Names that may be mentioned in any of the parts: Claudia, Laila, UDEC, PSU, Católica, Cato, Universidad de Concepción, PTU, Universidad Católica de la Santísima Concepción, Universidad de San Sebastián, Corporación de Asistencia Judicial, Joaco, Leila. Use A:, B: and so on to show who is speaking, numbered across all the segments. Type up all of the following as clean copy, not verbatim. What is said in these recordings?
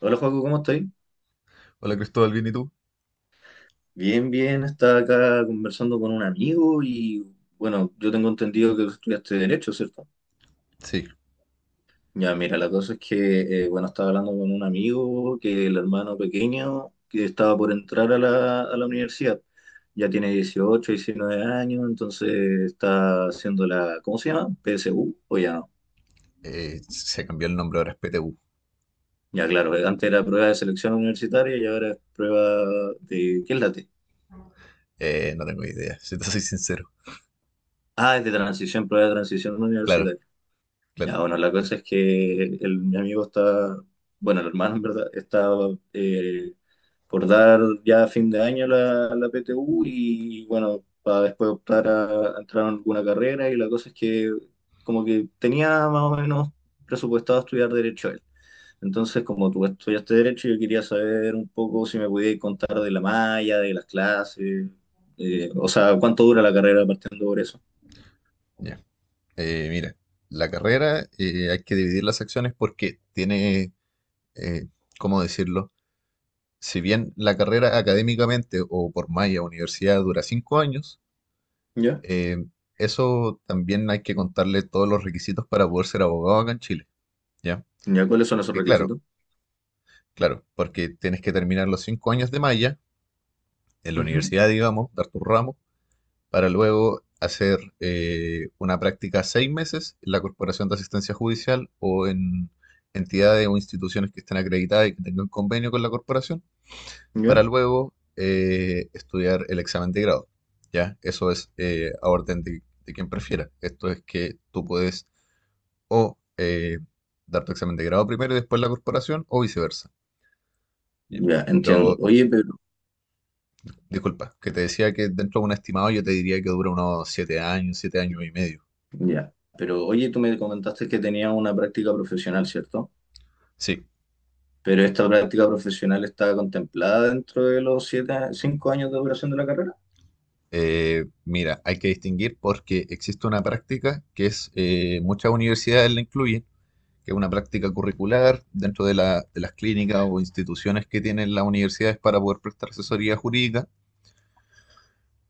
A: Hola, Joaco, ¿cómo estoy?
B: Hola Cristóbal, ¿bien y tú?
A: Bien, bien, estaba acá conversando con un amigo y bueno, yo tengo entendido que tú estudiaste Derecho, ¿cierto?
B: Sí.
A: Ya, mira, la cosa es que, bueno, estaba hablando con un amigo que el hermano pequeño que estaba por entrar a la universidad, ya tiene 18, 19 años, entonces está haciendo la, ¿cómo se llama? PSU, o ya no.
B: Se cambió el nombre ahora, es PTU.
A: Ya, claro, antes era prueba de selección universitaria y ahora es prueba de, ¿qué es la T?
B: No tengo idea, si te soy sincero.
A: Ah, es de transición, prueba de transición
B: Claro,
A: universitaria. Ya,
B: claro,
A: bueno, la cosa es que mi amigo está, bueno, el hermano en verdad, está eh, por dar ya a fin de año la PTU y bueno, para después optar a entrar en alguna carrera y la cosa es que como que tenía más o menos presupuestado estudiar derecho él. Entonces, como tú estudiaste derecho, yo quería saber un poco si me podías contar de la malla, de las clases, o sea, cuánto dura la carrera partiendo por eso.
B: ya. Mira, la carrera hay que dividir las acciones porque eh, ¿cómo decirlo? Si bien la carrera académicamente o por malla universidad dura cinco años,
A: ¿Ya?
B: eh, eso también hay que contarle todos los requisitos para poder ser abogado acá en Chile, ¿ya?
A: ¿Ya cuáles son esos
B: Porque claro,
A: requisitos?
B: claro, porque tienes que terminar los cinco años de malla en la
A: Ujú.
B: universidad, digamos, dar tu ramo para luego hacer una práctica seis meses en la Corporación de Asistencia Judicial o en entidades o instituciones que estén acreditadas y que tengan convenio con la corporación, para
A: ¿Ya?
B: luego estudiar el examen de grado. ¿Ya? Eso es a orden de quien prefiera. Esto es que tú puedes o dar tu examen de grado primero y después la corporación o viceversa. Bien.
A: Ya, entiendo.
B: Pero
A: Oye, pero,
B: disculpa, que te decía que dentro de un estimado yo te diría que dura unos siete años y medio.
A: ya, pero oye, tú me comentaste que tenías una práctica profesional, ¿cierto?
B: Sí.
A: Pero esta práctica profesional está contemplada dentro de los 7, 5 años de duración de la carrera.
B: Mira, hay que distinguir porque existe una práctica que es, muchas universidades la incluyen, que es una práctica curricular dentro de, de las clínicas o instituciones que tienen las universidades para poder prestar asesoría jurídica.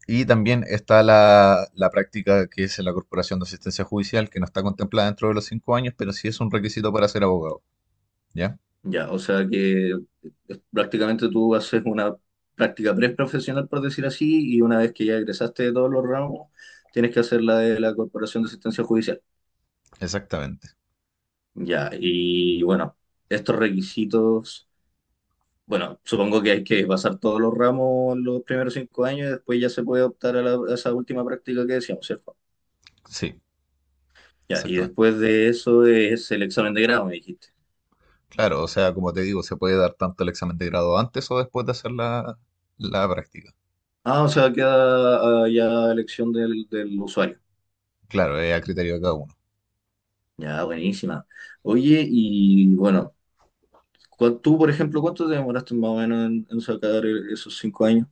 B: Y también está la práctica que es en la Corporación de Asistencia Judicial, que no está contemplada dentro de los cinco años, pero sí es un requisito para ser abogado. ¿Ya?
A: Ya, o sea que prácticamente tú haces una práctica preprofesional, por decir así, y una vez que ya egresaste de todos los ramos, tienes que hacer la de la Corporación de Asistencia Judicial.
B: Exactamente.
A: Ya, y bueno, estos requisitos. Bueno, supongo que hay que pasar todos los ramos los primeros 5 años y después ya se puede optar a, a esa última práctica que decíamos, ¿cierto?
B: Sí,
A: Ya, y
B: exactamente.
A: después de eso es el examen de grado, me dijiste.
B: Claro, o sea, como te digo, se puede dar tanto el examen de grado antes o después de hacer la práctica.
A: Ah, o sea, queda ya elección del usuario.
B: Claro, es a criterio de cada uno.
A: Ya, buenísima. Oye, y bueno, tú, por ejemplo, ¿cuánto te demoraste más o menos en sacar esos 5 años?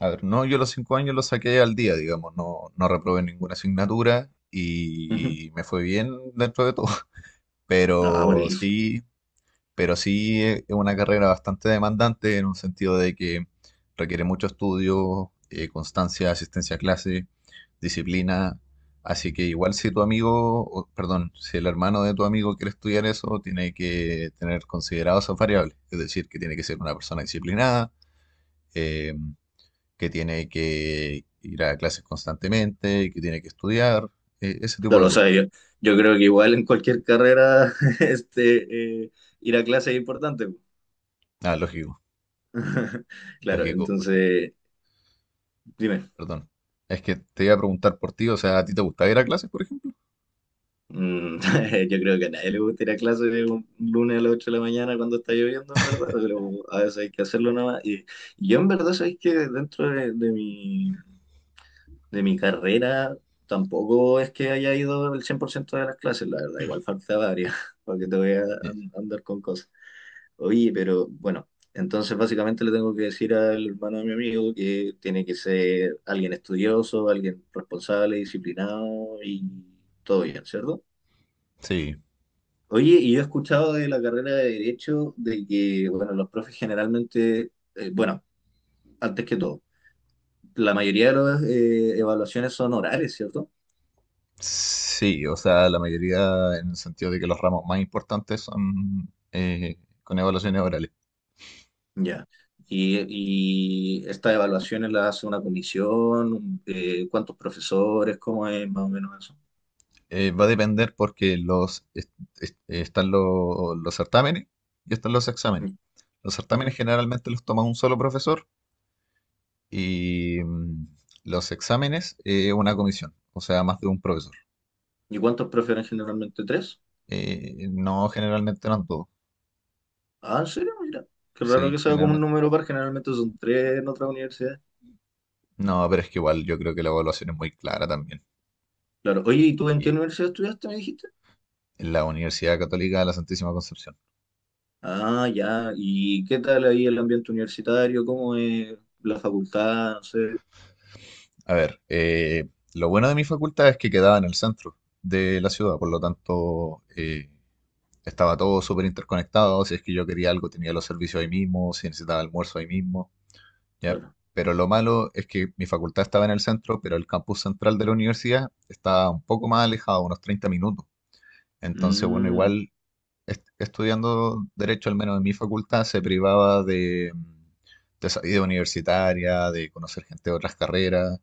B: A ver, no, yo los cinco años los saqué al día, digamos, no, no reprobé ninguna asignatura
A: Ujú.
B: y me fue bien dentro de todo,
A: Ah,
B: pero
A: buenísimo.
B: sí, pero sí es una carrera bastante demandante en un sentido de que requiere mucho estudio, constancia, asistencia a clase, disciplina, así que igual si tu amigo, o, perdón, si el hermano de tu amigo quiere estudiar eso, tiene que tener considerados esas variables, es decir, que tiene que ser una persona disciplinada, eh, que tiene que ir a clases constantemente, que tiene que estudiar, ese tipo
A: Claro,
B: de
A: o
B: cosas.
A: sea, yo creo que igual en cualquier carrera, este, eh, ir a clase es importante.
B: Ah, lógico,
A: Claro,
B: lógico, uy,
A: entonces, dime,
B: perdón. Es que te iba a preguntar por ti, o sea, ¿a ti te gusta ir a clases, por ejemplo?
A: mm, yo creo que a nadie le gustaría ir a clase un lunes a las 8 de la mañana cuando está lloviendo, en verdad, pero a veces hay que hacerlo nada más. Y yo en verdad sabéis que dentro de mi carrera tampoco es que haya ido el 100% de las clases, la verdad, igual faltaba varias, porque te voy a
B: Ye-
A: andar con cosas. Oye, pero bueno, entonces básicamente le tengo que decir al hermano de mi amigo que tiene que ser alguien estudioso, alguien responsable, disciplinado y todo bien, ¿cierto?
B: Sí,
A: Oye, y yo he escuchado de la carrera de Derecho de que, bueno, los profes generalmente, bueno, antes que todo, la mayoría de las evaluaciones son orales, ¿cierto?
B: sí, o sea, la mayoría en el sentido de que los ramos más importantes son con evaluaciones orales.
A: Ya. Y, y estas evaluaciones las hace una comisión, cuántos profesores, cómo es más o menos eso.
B: Va a depender porque están los certámenes y están los exámenes. Los certámenes
A: Ujú.
B: generalmente los toma un solo profesor y los exámenes, una comisión, o sea, más de un profesor.
A: ¿Y cuántos prefieren generalmente? ¿Tres?
B: No, generalmente no en todo,
A: Ah, ¿en serio? Mira, qué raro que
B: sí,
A: sea como un
B: generalmente.
A: número par, generalmente son tres en otras universidades.
B: No, pero es que igual yo creo que la evaluación es muy clara también.
A: Claro, oye, ¿y tú en qué
B: Y
A: universidad estudiaste, me dijiste?
B: en la Universidad Católica de la Santísima Concepción.
A: Ah, ya, ¿y qué tal ahí el ambiente universitario? ¿Cómo es la facultad? No sé,
B: A ver, lo bueno de mi facultad es que quedaba en el centro de la ciudad, por lo tanto estaba todo súper interconectado. Si es que yo quería algo, tenía los servicios ahí mismo, si necesitaba almuerzo ahí mismo. ¿Ya?
A: claro.
B: Pero lo malo es que mi facultad estaba en el centro, pero el campus central de la universidad estaba un poco más alejado, unos 30 minutos. Entonces, bueno,
A: Mm,
B: igual estudiando derecho, al menos en mi facultad, se privaba de, de esa vida universitaria, de conocer gente de otras carreras.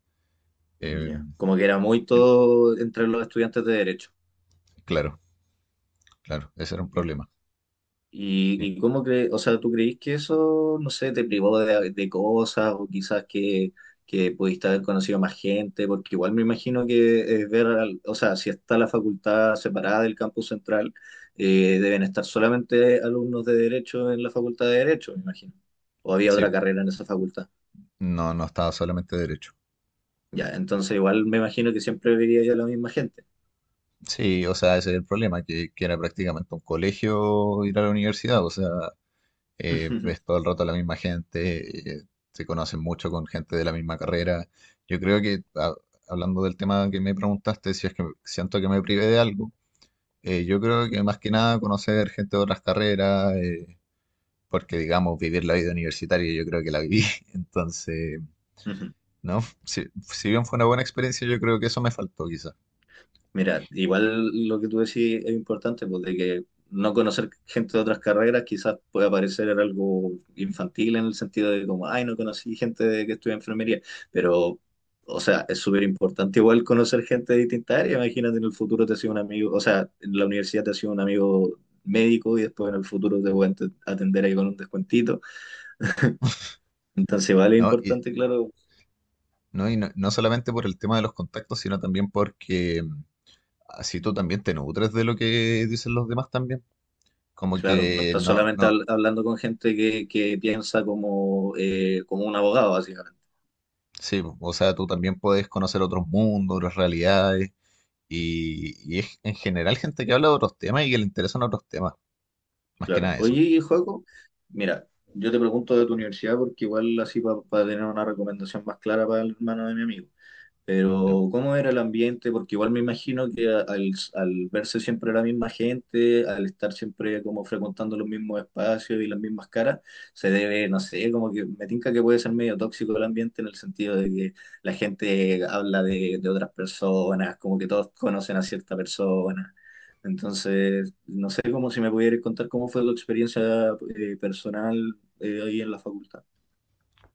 B: eh,
A: ya, como que era muy
B: en-
A: todo entre los estudiantes de derecho.
B: claro, claro, ese era un
A: Ya.
B: problema.
A: ¿Y,
B: Sí,
A: y cómo crees, o sea, tú creís que eso, no sé, te privó de cosas o quizás que pudiste haber conocido a más gente? Porque igual me imagino que ver, o sea, si está la facultad separada del campus central, deben estar solamente alumnos de Derecho en la facultad de Derecho, me imagino. O había
B: sí,
A: otra carrera en esa facultad.
B: no, no estaba solamente derecho.
A: Ya, entonces igual me imagino que siempre vería yo a la misma gente.
B: Sí, o sea, ese es el problema, que era prácticamente un colegio ir a la universidad, o sea, ves todo el rato a la misma gente, se conocen mucho con gente de la misma carrera. Yo creo que, hablando del tema que me preguntaste, si es que siento que me privé de algo, yo creo que más que nada conocer gente de otras carreras, porque digamos, vivir la vida universitaria yo creo que la viví, entonces, ¿no? Si, si bien fue una buena experiencia, yo creo que eso me faltó quizás,
A: Mira, igual lo que tú decís es importante, pues de que no conocer gente de otras carreras quizás pueda parecer algo infantil en el sentido de como, ay, no conocí gente que estudia enfermería, pero, o sea, es súper importante igual conocer gente de distintas áreas. Imagínate, en el futuro te ha sido un amigo, o sea, en la universidad te ha sido un amigo médico y después en el futuro te pueden atender ahí con un descuentito. Entonces, vale, es
B: ¿no?
A: importante, claro.
B: ¿No? Y no, no solamente por el tema de los contactos, sino también porque así tú también te nutres de lo que dicen los demás también. Como
A: Claro, no
B: que
A: estás
B: no,
A: solamente
B: no,
A: hablando con gente que piensa como un abogado, básicamente.
B: sí, po, o sea, tú también puedes conocer otros mundos, otras realidades, y es en general gente que habla de otros temas y que le interesan otros temas, más que
A: Claro.
B: nada eso.
A: Oye, Joaco, mira, yo te pregunto de tu universidad porque igual así para tener una recomendación más clara para el hermano de mi amigo.
B: Ya.
A: Pero, ¿cómo era el ambiente? Porque igual me imagino que al verse siempre la misma gente, al estar siempre como frecuentando los mismos espacios y las mismas caras, se debe, no sé, como que me tinca que puede ser medio tóxico el ambiente en el sentido de que la gente habla de otras personas, como que todos conocen a cierta persona. Entonces, no sé cómo si me pudieras contar cómo fue tu experiencia personal ahí en la facultad.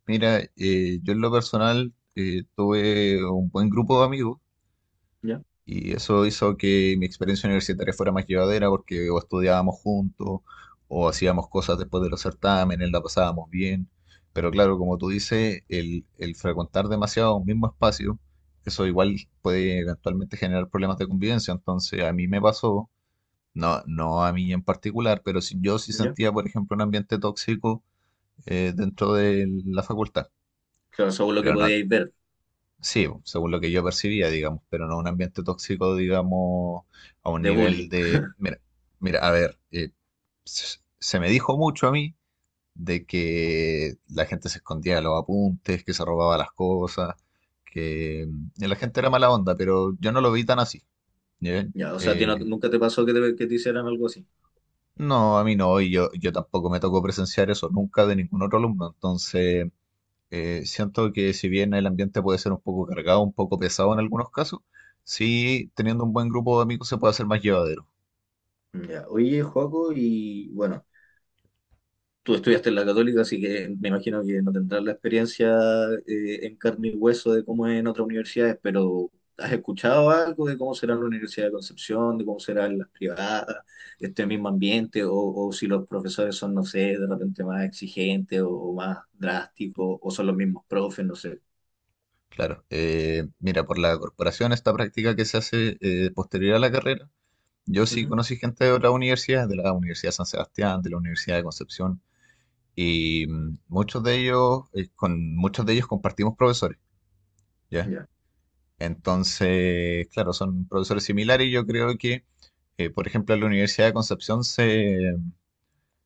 B: Mira, yo en lo personal tuve un buen grupo de amigos.
A: ¿Ya?
B: Y eso hizo que mi experiencia universitaria fuera más llevadera porque o estudiábamos juntos o hacíamos cosas después de los certámenes, la pasábamos bien. Pero claro, como tú dices, el frecuentar demasiado un mismo espacio, eso igual puede eventualmente generar problemas de convivencia. Entonces a mí me pasó, no, no a mí en particular, pero si, yo sí
A: ¿Ya?
B: sentía, por ejemplo, un ambiente tóxico dentro de la facultad.
A: Claro, según lo que
B: Pero no,
A: podíais ver
B: sí, según lo que yo percibía, digamos, pero no un ambiente tóxico, digamos, a un
A: de
B: nivel
A: bullying.
B: de... Mira, mira, a ver, se me dijo mucho a mí de que la gente se escondía los apuntes, que se robaba las cosas, que la gente era mala onda, pero yo no lo vi tan así. ¿Ya?
A: Ya, o sea, a ti
B: Eh,
A: nunca te pasó que te hicieran algo así.
B: no, a mí no, yo tampoco me tocó presenciar eso nunca de ningún otro alumno, entonces siento que si bien el ambiente puede ser un poco cargado, un poco pesado en algunos casos, sí, teniendo un buen grupo de amigos se puede hacer más llevadero.
A: Ya, oye, Joaco, y bueno, tú estudiaste en la Católica, así que me imagino que no tendrás la experiencia en carne y hueso de cómo es en otras universidades, pero ¿has escuchado algo de cómo será la Universidad de Concepción, de cómo serán las privadas, este mismo ambiente, o si los profesores son, no sé, de repente más exigentes o más drásticos, o son los mismos profes, no sé?
B: Claro. Mira, por la corporación, esta práctica que se hace posterior a la carrera, yo sí
A: Ujú,
B: conocí gente de otras universidades, de la Universidad de San Sebastián, de la Universidad de Concepción, y muchos de ellos, con muchos de ellos compartimos profesores, ¿ya?
A: ya,
B: Entonces, claro, son profesores similares y yo creo que, por ejemplo, en la Universidad de Concepción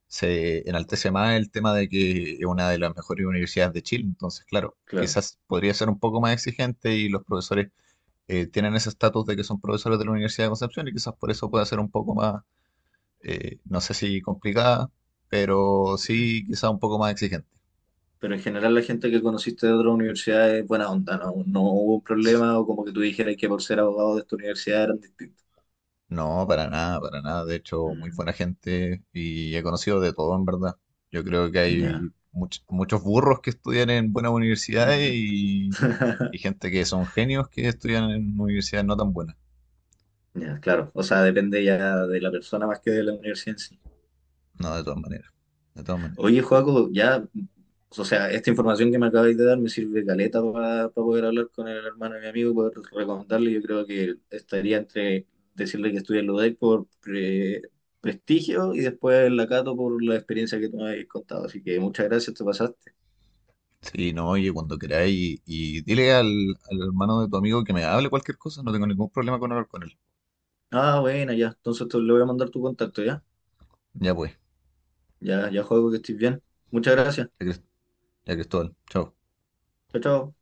B: se enaltece más el tema de que es una de las mejores universidades de Chile. Entonces, claro,
A: claro.
B: quizás podría ser un poco más exigente y los profesores tienen ese estatus de que son profesores de la Universidad de Concepción y quizás por eso pueda ser un poco más, no sé si complicada, pero sí quizás un poco más exigente.
A: Pero en general la gente que conociste de otras universidades es buena onda, ¿no? No hubo un problema o como que tú dijeras que por ser abogado de esta universidad eran distintos.
B: No, para nada, para nada. De hecho, muy
A: Mm,
B: buena gente y he conocido de todo, en verdad. Yo creo que
A: ya.
B: hay muchos burros que estudian en buenas universidades y gente que son genios que estudian en universidades no tan buenas.
A: Ya, claro. O sea, depende ya de la persona más que de la universidad en sí.
B: No, de todas maneras, de todas maneras.
A: Oye, Joaco, ya, o sea, esta información que me acabáis de dar me sirve caleta para poder hablar con el hermano de mi amigo y poder recomendarle. Yo creo que estaría entre decirle que estudie en la UDEC por prestigio y después la Cato por la experiencia que tú me habéis contado. Así que muchas gracias, te pasaste.
B: Sí, no, oye, cuando queráis y dile al hermano de tu amigo que me hable cualquier cosa, no tengo ningún problema con hablar con él.
A: Ah, bueno, ya. Entonces le voy a mandar tu contacto, ¿ya?
B: Ya pues,
A: Ya, ya, Joaco, que estés bien. Muchas gracias.
B: ya, Cris- ya Cristóbal, chao.
A: Chao, chao.